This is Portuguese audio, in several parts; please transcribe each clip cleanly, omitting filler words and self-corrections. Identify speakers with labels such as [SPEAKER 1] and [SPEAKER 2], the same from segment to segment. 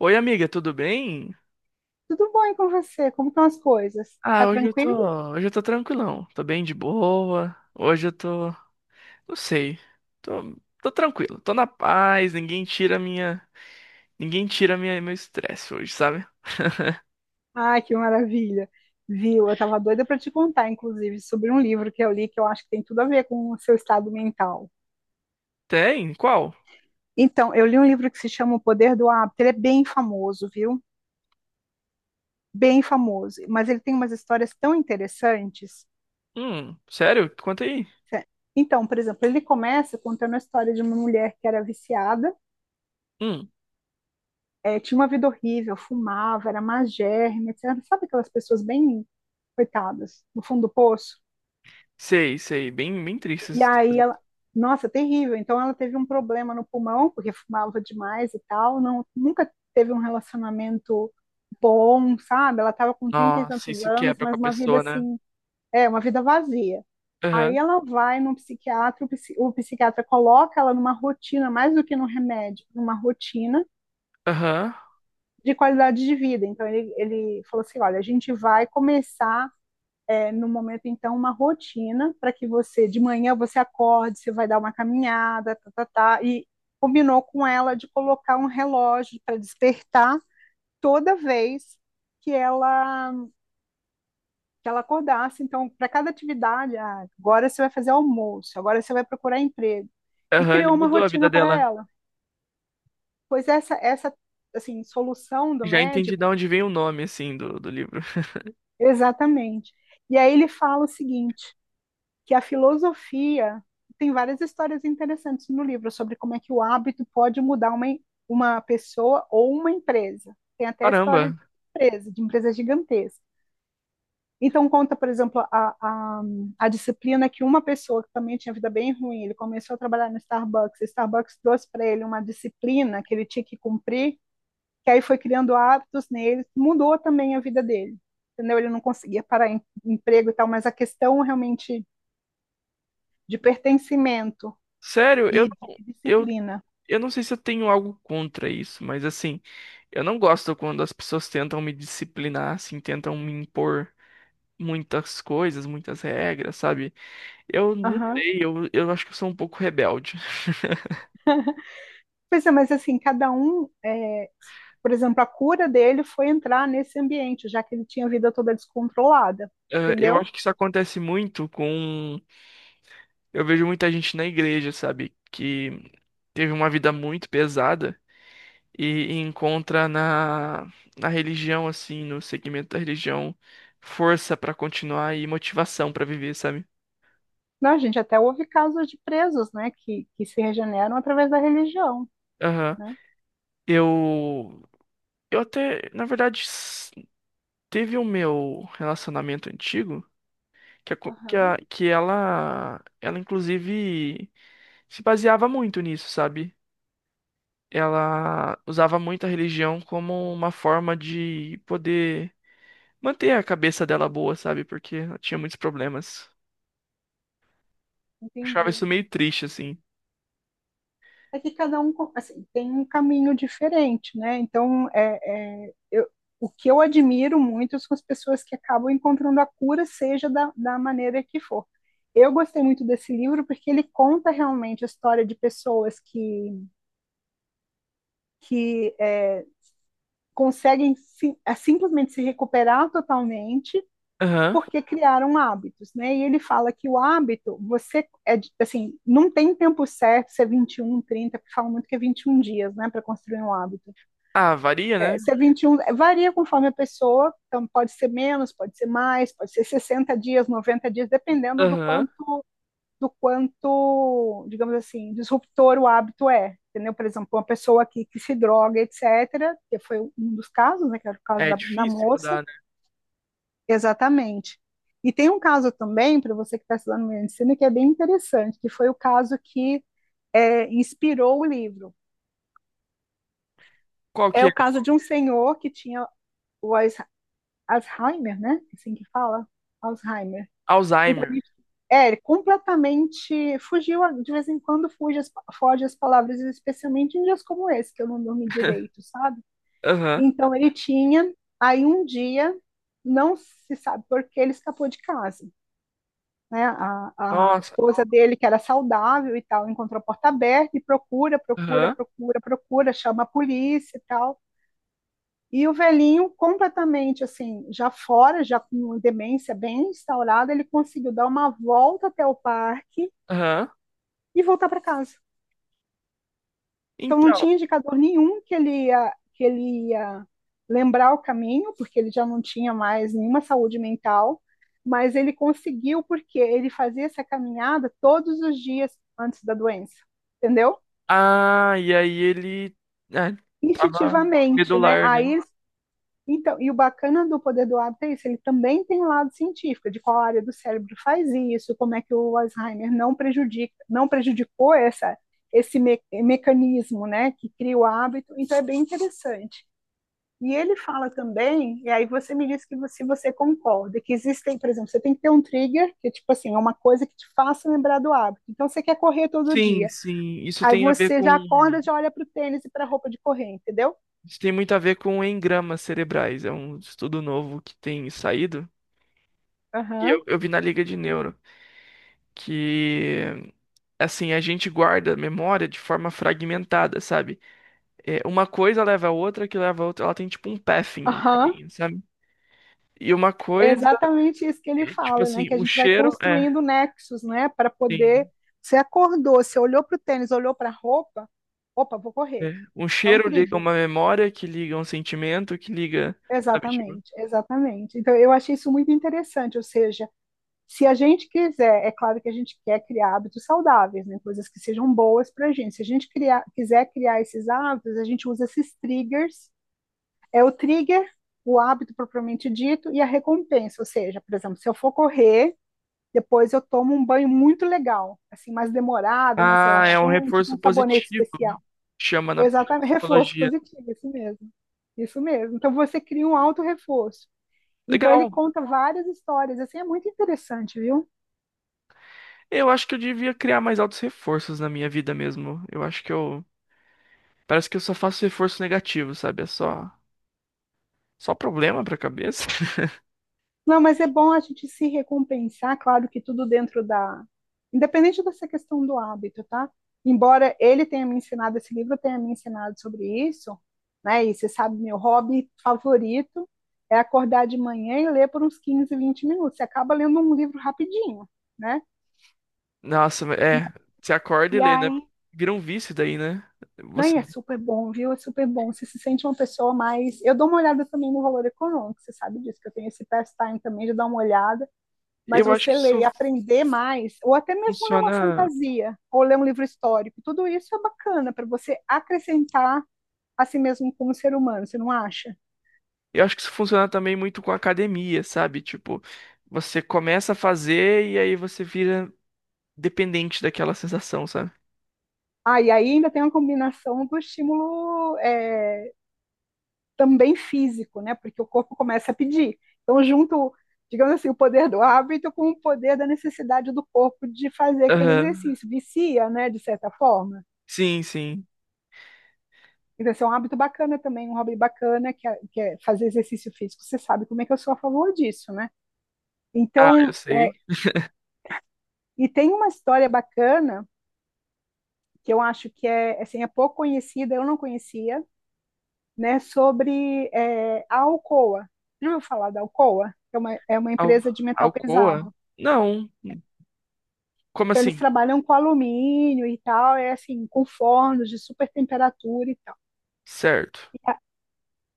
[SPEAKER 1] Oi, amiga, tudo bem?
[SPEAKER 2] Tudo bom e com você? Como estão as coisas? Tá
[SPEAKER 1] Ah, hoje eu tô,
[SPEAKER 2] tranquilo?
[SPEAKER 1] Hoje eu tô tranquilão, tô bem de boa. Hoje eu tô, não sei, tô, tô tranquilo, tô na paz, ninguém tira minha, meu estresse hoje, sabe?
[SPEAKER 2] Ai, que maravilha. Viu? Eu tava doida para te contar, inclusive, sobre um livro que eu li que eu acho que tem tudo a ver com o seu estado mental.
[SPEAKER 1] Tem? Qual?
[SPEAKER 2] Então, eu li um livro que se chama O Poder do Hábito. Ele é bem famoso, viu? Bem famoso. Mas ele tem umas histórias tão interessantes.
[SPEAKER 1] Sério? Conta aí.
[SPEAKER 2] Cé- Então, por exemplo, ele começa contando a história de uma mulher que era viciada,
[SPEAKER 1] Hum,
[SPEAKER 2] tinha uma vida horrível, fumava, era magérrima, etc. Sabe aquelas pessoas bem coitadas, no fundo do poço?
[SPEAKER 1] Sei, sei, bem, bem triste.
[SPEAKER 2] E
[SPEAKER 1] Isso.
[SPEAKER 2] aí ela, nossa, terrível. Então ela teve um problema no pulmão, porque fumava demais e tal, não, nunca teve um relacionamento bom, sabe? Ela estava com 30 e
[SPEAKER 1] Nossa,
[SPEAKER 2] tantos
[SPEAKER 1] isso
[SPEAKER 2] anos,
[SPEAKER 1] quebra com a
[SPEAKER 2] mas uma vida
[SPEAKER 1] pessoa, né?
[SPEAKER 2] assim, uma vida vazia. Aí
[SPEAKER 1] Aham,
[SPEAKER 2] ela vai num psiquiatra, o psiquiatra coloca ela numa rotina, mais do que no remédio, numa rotina
[SPEAKER 1] aham,
[SPEAKER 2] de qualidade de vida. Então ele falou assim: olha, a gente vai começar no momento, então, uma rotina para que você, de manhã, você acorde, você vai dar uma caminhada, tá, tá, tá, e combinou com ela de colocar um relógio para despertar toda vez que ela, que ela acordasse. Então, para cada atividade, ah, agora você vai fazer almoço, agora você vai procurar emprego. E
[SPEAKER 1] aham, ele
[SPEAKER 2] criou uma
[SPEAKER 1] mudou a vida
[SPEAKER 2] rotina para
[SPEAKER 1] dela.
[SPEAKER 2] ela. Pois essa assim, solução do
[SPEAKER 1] Já entendi de
[SPEAKER 2] médico,
[SPEAKER 1] onde vem o nome, assim, do livro.
[SPEAKER 2] exatamente. E aí ele fala o seguinte: que a filosofia tem várias histórias interessantes no livro sobre como é que o hábito pode mudar uma pessoa ou uma empresa. Tem até a história
[SPEAKER 1] Caramba,
[SPEAKER 2] de empresa gigantesca. Então, conta, por exemplo, a, a disciplina que uma pessoa que também tinha vida bem ruim, ele começou a trabalhar no Starbucks, o Starbucks trouxe para ele uma disciplina que ele tinha que cumprir, que aí foi criando hábitos nele, mudou também a vida dele. Entendeu? Ele não conseguia parar em emprego e tal, mas a questão realmente de pertencimento
[SPEAKER 1] sério, eu
[SPEAKER 2] e
[SPEAKER 1] não.
[SPEAKER 2] de
[SPEAKER 1] Eu
[SPEAKER 2] disciplina.
[SPEAKER 1] Eu não sei se eu tenho algo contra isso, mas assim, eu não gosto quando as pessoas tentam me disciplinar, assim, tentam me impor muitas coisas, muitas regras, sabe? Eu não
[SPEAKER 2] Aham.
[SPEAKER 1] sei, eu acho que eu sou um pouco rebelde.
[SPEAKER 2] Pois é, mas assim, cada um, por exemplo, a cura dele foi entrar nesse ambiente, já que ele tinha a vida toda descontrolada,
[SPEAKER 1] Eu
[SPEAKER 2] entendeu?
[SPEAKER 1] acho que isso acontece muito com. Eu vejo muita gente na igreja, sabe? Que teve uma vida muito pesada e encontra na religião, assim, no segmento da religião, força pra continuar e motivação pra viver, sabe?
[SPEAKER 2] Não, a gente até houve casos de presos, né, que se regeneram através da religião, né?
[SPEAKER 1] Eu, eu até, na verdade, teve o meu relacionamento antigo, que, a co- que,
[SPEAKER 2] Aham,
[SPEAKER 1] a- que ela inclusive se baseava muito nisso, sabe? Ela usava muito a religião como uma forma de poder manter a cabeça dela boa, sabe? Porque ela tinha muitos problemas. Achava isso
[SPEAKER 2] entendi.
[SPEAKER 1] meio triste, assim.
[SPEAKER 2] É que cada um assim, tem um caminho diferente, né? Então, eu, o que eu admiro muito são as pessoas que acabam encontrando a cura, seja da maneira que for. Eu gostei muito desse livro porque ele conta realmente a história de pessoas que é, conseguem sim, simplesmente se recuperar totalmente
[SPEAKER 1] Aham.
[SPEAKER 2] porque criaram hábitos, né? E ele fala que o hábito, você é assim, não tem tempo certo, se é 21, 30, porque fala muito que é 21 dias, né, para construir um hábito.
[SPEAKER 1] Ah, varia, né?
[SPEAKER 2] C 21 é, varia conforme a pessoa, então pode ser menos, pode ser mais, pode ser 60 dias, 90 dias, dependendo
[SPEAKER 1] Aham.
[SPEAKER 2] do quanto, digamos assim, disruptor o hábito é. Entendeu? Por exemplo, uma pessoa que se droga, etcétera que foi um dos casos, né, que era o caso
[SPEAKER 1] É
[SPEAKER 2] da
[SPEAKER 1] difícil
[SPEAKER 2] moça,
[SPEAKER 1] mudar, né?
[SPEAKER 2] exatamente. E tem um caso também, para você que está estudando medicina, que é bem interessante, que foi o caso que inspirou o livro.
[SPEAKER 1] Qual que
[SPEAKER 2] É o
[SPEAKER 1] é?
[SPEAKER 2] caso de um senhor que tinha o Alzheimer, né? É assim que fala, Alzheimer. Então,
[SPEAKER 1] Alzheimer.
[SPEAKER 2] completamente fugiu, de vez em quando fuge foge as palavras, especialmente em dias como esse, que eu não dormi direito, sabe?
[SPEAKER 1] Aham.
[SPEAKER 2] Então, ele tinha, aí um dia, não se sabe por que ele escapou de casa. Né? A
[SPEAKER 1] Nossa.
[SPEAKER 2] esposa dele, que era saudável e tal, encontrou a porta aberta e procura, procura,
[SPEAKER 1] Aham.
[SPEAKER 2] procura, procura, chama a polícia e tal. E o velhinho, completamente assim, já fora, já com demência bem instaurada, ele conseguiu dar uma volta até o parque
[SPEAKER 1] Aham.
[SPEAKER 2] e voltar para casa. Então não
[SPEAKER 1] Então,
[SPEAKER 2] tinha indicador nenhum que ele ia lembrar o caminho, porque ele já não tinha mais nenhuma saúde mental, mas ele conseguiu porque ele fazia essa caminhada todos os dias antes da doença, entendeu?
[SPEAKER 1] ah, e aí ele, né, tava
[SPEAKER 2] Instintivamente, né?
[SPEAKER 1] medular, né?
[SPEAKER 2] Aí então, e o bacana do poder do hábito é isso, ele também tem um lado científico, de qual área do cérebro faz isso, como é que o Alzheimer não prejudica, não prejudicou esse me mecanismo, né, que cria o hábito, então é bem interessante. E ele fala também, e aí você me diz que você concorda, que existem, por exemplo, você tem que ter um trigger, que é tipo assim, é uma coisa que te faça lembrar do hábito. Então você quer correr todo
[SPEAKER 1] Sim,
[SPEAKER 2] dia,
[SPEAKER 1] sim,
[SPEAKER 2] aí você já acorda, já olha para o tênis e para a roupa de correr, entendeu?
[SPEAKER 1] isso tem muito a ver com engramas cerebrais, é um estudo novo que tem saído, e
[SPEAKER 2] Aham,
[SPEAKER 1] eu vi na Liga de Neuro, que, assim, a gente guarda a memória de forma fragmentada, sabe? É, uma coisa leva a outra, que leva a outra, ela tem tipo um pathing, um
[SPEAKER 2] aham.
[SPEAKER 1] caminho, sabe? E uma
[SPEAKER 2] É
[SPEAKER 1] coisa,
[SPEAKER 2] exatamente isso que ele fala, né? Que a
[SPEAKER 1] um
[SPEAKER 2] gente vai
[SPEAKER 1] cheiro,
[SPEAKER 2] construindo nexos, né? Para poder.
[SPEAKER 1] sim,
[SPEAKER 2] Você acordou, você olhou para o tênis, olhou para a roupa, opa, vou correr.
[SPEAKER 1] é. Um
[SPEAKER 2] É um
[SPEAKER 1] cheiro liga
[SPEAKER 2] trigger.
[SPEAKER 1] uma memória, que liga um sentimento, que liga, sabe, tipo...
[SPEAKER 2] Exatamente, exatamente. Então, eu achei isso muito interessante. Ou seja, se a gente quiser, é claro que a gente quer criar hábitos saudáveis, né? Coisas que sejam boas para a gente. Se a gente criar, quiser criar esses hábitos, a gente usa esses triggers. É o trigger, o hábito propriamente dito e a recompensa. Ou seja, por exemplo, se eu for correr, depois eu tomo um banho muito legal, assim, mais demorado, mais
[SPEAKER 1] Ah, é um
[SPEAKER 2] relaxante, com
[SPEAKER 1] reforço
[SPEAKER 2] um sabonete
[SPEAKER 1] positivo,
[SPEAKER 2] especial.
[SPEAKER 1] chama na
[SPEAKER 2] Exatamente, reforço
[SPEAKER 1] psicologia.
[SPEAKER 2] positivo, isso mesmo. Isso mesmo. Então você cria um auto-reforço. Então ele
[SPEAKER 1] Legal.
[SPEAKER 2] conta várias histórias, assim, é muito interessante, viu?
[SPEAKER 1] Eu acho que eu devia criar mais altos reforços na minha vida mesmo. Eu acho que eu... Parece que eu só faço reforço negativo, sabe? Só problema pra cabeça.
[SPEAKER 2] Não, mas é bom a gente se recompensar, claro que tudo dentro da. Independente dessa questão do hábito, tá? Embora ele tenha me ensinado, esse livro tenha me ensinado sobre isso, né? E você sabe, meu hobby favorito é acordar de manhã e ler por uns 15, 20 minutos. Você acaba lendo um livro rapidinho, né?
[SPEAKER 1] Nossa,
[SPEAKER 2] E,
[SPEAKER 1] é... Você acorda e
[SPEAKER 2] e
[SPEAKER 1] lê, né?
[SPEAKER 2] aí,
[SPEAKER 1] Vira um vício daí, né?
[SPEAKER 2] não,
[SPEAKER 1] Você...
[SPEAKER 2] e é super bom, viu? É super bom. Você se sente uma pessoa mais. Eu dou uma olhada também no valor econômico, você sabe disso, que eu tenho esse pastime também de dar uma olhada mas
[SPEAKER 1] Eu acho
[SPEAKER 2] você
[SPEAKER 1] que
[SPEAKER 2] ler
[SPEAKER 1] isso
[SPEAKER 2] e aprender mais, ou até mesmo ler uma
[SPEAKER 1] funciona...
[SPEAKER 2] fantasia, ou ler um livro histórico, tudo isso é bacana para você acrescentar a si mesmo como ser humano, você não acha?
[SPEAKER 1] Eu acho que isso funciona também muito com academia, sabe? Tipo, você começa a fazer e aí você vira dependente daquela sensação, sabe?
[SPEAKER 2] Ah, e aí ainda tem uma combinação do estímulo também físico, né? Porque o corpo começa a pedir. Então, junto, digamos assim, o poder do hábito com o poder da necessidade do corpo de fazer aquele
[SPEAKER 1] Aham.
[SPEAKER 2] exercício. Vicia, né? De certa forma.
[SPEAKER 1] Sim, sim.
[SPEAKER 2] Então, esse é um hábito bacana também, um hobby bacana, que é fazer exercício físico. Você sabe como é que eu sou a favor disso, né?
[SPEAKER 1] Ah, eu
[SPEAKER 2] Então,
[SPEAKER 1] sei.
[SPEAKER 2] e tem uma história bacana, que eu acho que é, assim, é pouco conhecida, eu não conhecia, né, sobre a Alcoa. Já ouviu falar da Alcoa? É uma
[SPEAKER 1] Al
[SPEAKER 2] empresa de metal
[SPEAKER 1] Alcoa?
[SPEAKER 2] pesado.
[SPEAKER 1] Não. Como
[SPEAKER 2] Então, eles
[SPEAKER 1] assim?
[SPEAKER 2] trabalham com alumínio e tal, é assim, com fornos de super temperatura e
[SPEAKER 1] Certo.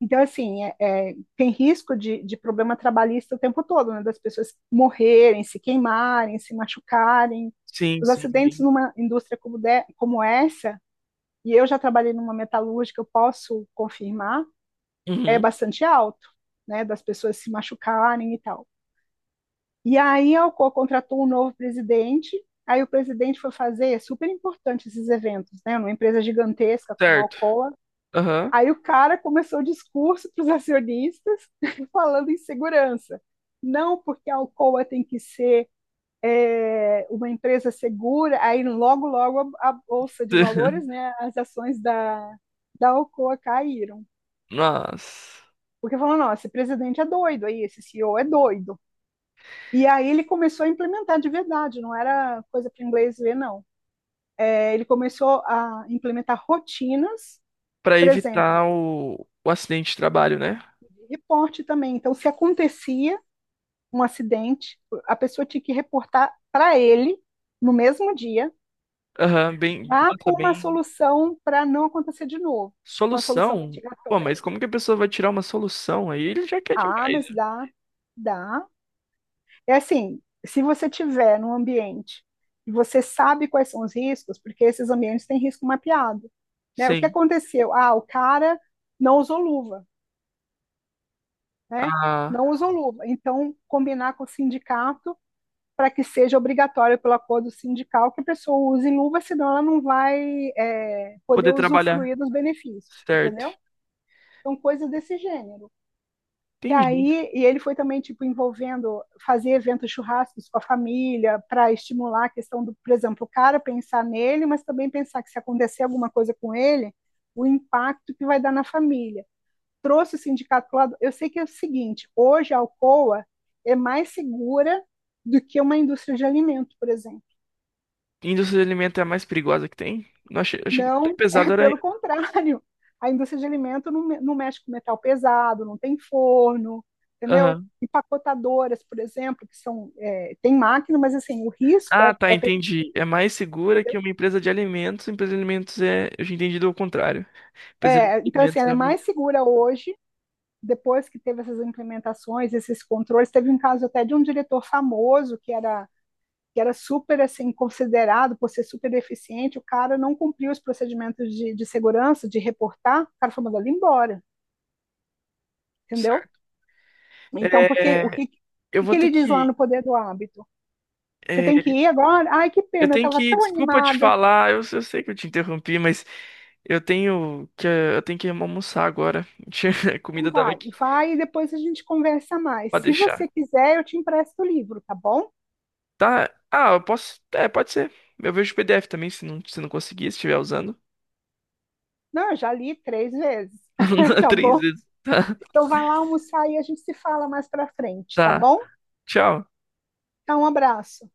[SPEAKER 2] então, assim, é, tem risco de problema trabalhista o tempo todo, né? Das pessoas morrerem, se queimarem, se machucarem.
[SPEAKER 1] Sim,
[SPEAKER 2] Os
[SPEAKER 1] sim.
[SPEAKER 2] acidentes
[SPEAKER 1] Bem...
[SPEAKER 2] numa indústria como essa, e eu já trabalhei numa metalúrgica, eu posso confirmar, é
[SPEAKER 1] Uhum.
[SPEAKER 2] bastante alto, né? Das pessoas se machucarem e tal. E aí a Alcoa contratou um novo presidente, aí o presidente foi fazer, é super importante esses eventos, né? Numa empresa gigantesca como a
[SPEAKER 1] Certo.
[SPEAKER 2] Alcoa,
[SPEAKER 1] Aham.
[SPEAKER 2] aí o cara começou o discurso para os acionistas falando em segurança. Não porque a Alcoa tem que ser uma empresa segura, aí logo, logo a Bolsa de Valores, né, as ações da Alcoa caíram.
[SPEAKER 1] Nossa.
[SPEAKER 2] Porque falou, não, esse presidente é doido, aí esse CEO é doido. E aí ele começou a implementar de verdade, não era coisa para inglês ver, não. É, ele começou a implementar rotinas,
[SPEAKER 1] Pra
[SPEAKER 2] por exemplo,
[SPEAKER 1] evitar o acidente de trabalho, né?
[SPEAKER 2] de reporte também. Então, se acontecia um acidente, a pessoa tinha que reportar para ele no mesmo dia,
[SPEAKER 1] Aham, bem.
[SPEAKER 2] já
[SPEAKER 1] Nossa,
[SPEAKER 2] com uma
[SPEAKER 1] bem.
[SPEAKER 2] solução para não acontecer de novo, uma solução
[SPEAKER 1] Solução? Pô,
[SPEAKER 2] mitigatória.
[SPEAKER 1] mas como que a pessoa vai tirar uma solução? Aí ele já quer
[SPEAKER 2] Ah,
[SPEAKER 1] demais,
[SPEAKER 2] mas
[SPEAKER 1] né?
[SPEAKER 2] dá, dá. É assim, se você tiver num ambiente e você sabe quais são os riscos, porque esses ambientes têm risco mapeado, né? O que
[SPEAKER 1] Sim.
[SPEAKER 2] aconteceu? Ah, o cara não usou luva, né?
[SPEAKER 1] A
[SPEAKER 2] Não usou luva. Então, combinar com o sindicato para que seja obrigatório pelo acordo sindical que a pessoa use luva, senão ela não vai poder
[SPEAKER 1] poder trabalhar.
[SPEAKER 2] usufruir dos benefícios,
[SPEAKER 1] Certo.
[SPEAKER 2] entendeu? Então, coisas desse gênero. Que
[SPEAKER 1] Entendi.
[SPEAKER 2] aí, e ele foi também, tipo, envolvendo, fazer eventos churrascos com a família, para estimular a questão do, por exemplo, o cara pensar nele, mas também pensar que se acontecer alguma coisa com ele, o impacto que vai dar na família. Trouxe o sindicato para o lado. Eu sei que é o seguinte: hoje a Alcoa é mais segura do que uma indústria de alimento, por exemplo.
[SPEAKER 1] Indústria de alimentar é a mais perigosa que tem? Não achei, achei que até
[SPEAKER 2] Não, é
[SPEAKER 1] pesado era.
[SPEAKER 2] pelo contrário. A indústria de alimento não, não mexe com metal pesado, não tem forno, entendeu?
[SPEAKER 1] Aham.
[SPEAKER 2] Empacotadoras, por exemplo, que são, é, tem máquina, mas assim, o risco
[SPEAKER 1] Ah, tá,
[SPEAKER 2] é pequeno,
[SPEAKER 1] entendi. É mais segura
[SPEAKER 2] entendeu?
[SPEAKER 1] que uma empresa de alimentos. Empresa de alimentos é. Eu tinha entendido o contrário. Empresa de
[SPEAKER 2] É, então, assim,
[SPEAKER 1] alimentos
[SPEAKER 2] ela é
[SPEAKER 1] é uma.
[SPEAKER 2] mais segura hoje, depois que teve essas implementações, esses controles. Teve um caso até de um diretor famoso que era super assim, considerado por ser super eficiente, o cara não cumpriu os procedimentos de segurança, de reportar, o cara foi mandado embora, entendeu?
[SPEAKER 1] Certo.
[SPEAKER 2] Então, porque
[SPEAKER 1] É, eu
[SPEAKER 2] o que
[SPEAKER 1] vou ter
[SPEAKER 2] ele diz lá
[SPEAKER 1] que.
[SPEAKER 2] no Poder do Hábito? Você tem que
[SPEAKER 1] É,
[SPEAKER 2] ir agora? Ai, que
[SPEAKER 1] eu
[SPEAKER 2] pena, eu
[SPEAKER 1] tenho
[SPEAKER 2] estava
[SPEAKER 1] que.
[SPEAKER 2] tão
[SPEAKER 1] Desculpa te
[SPEAKER 2] animada.
[SPEAKER 1] falar, eu sei que eu te interrompi, mas eu tenho que almoçar agora. A
[SPEAKER 2] Então
[SPEAKER 1] comida tava
[SPEAKER 2] vai,
[SPEAKER 1] aqui
[SPEAKER 2] vai e depois a gente conversa mais.
[SPEAKER 1] pra
[SPEAKER 2] Se
[SPEAKER 1] deixar.
[SPEAKER 2] você quiser, eu te empresto o livro, tá bom?
[SPEAKER 1] Tá. Ah, eu posso. É, pode ser. Eu vejo o PDF também, se não conseguir, se estiver usando.
[SPEAKER 2] Não, eu já li três vezes, tá
[SPEAKER 1] Três
[SPEAKER 2] bom?
[SPEAKER 1] vezes. Tá.
[SPEAKER 2] Então vai lá almoçar e a gente se fala mais pra frente, tá
[SPEAKER 1] Tá.
[SPEAKER 2] bom?
[SPEAKER 1] Tchau.
[SPEAKER 2] Então, um abraço.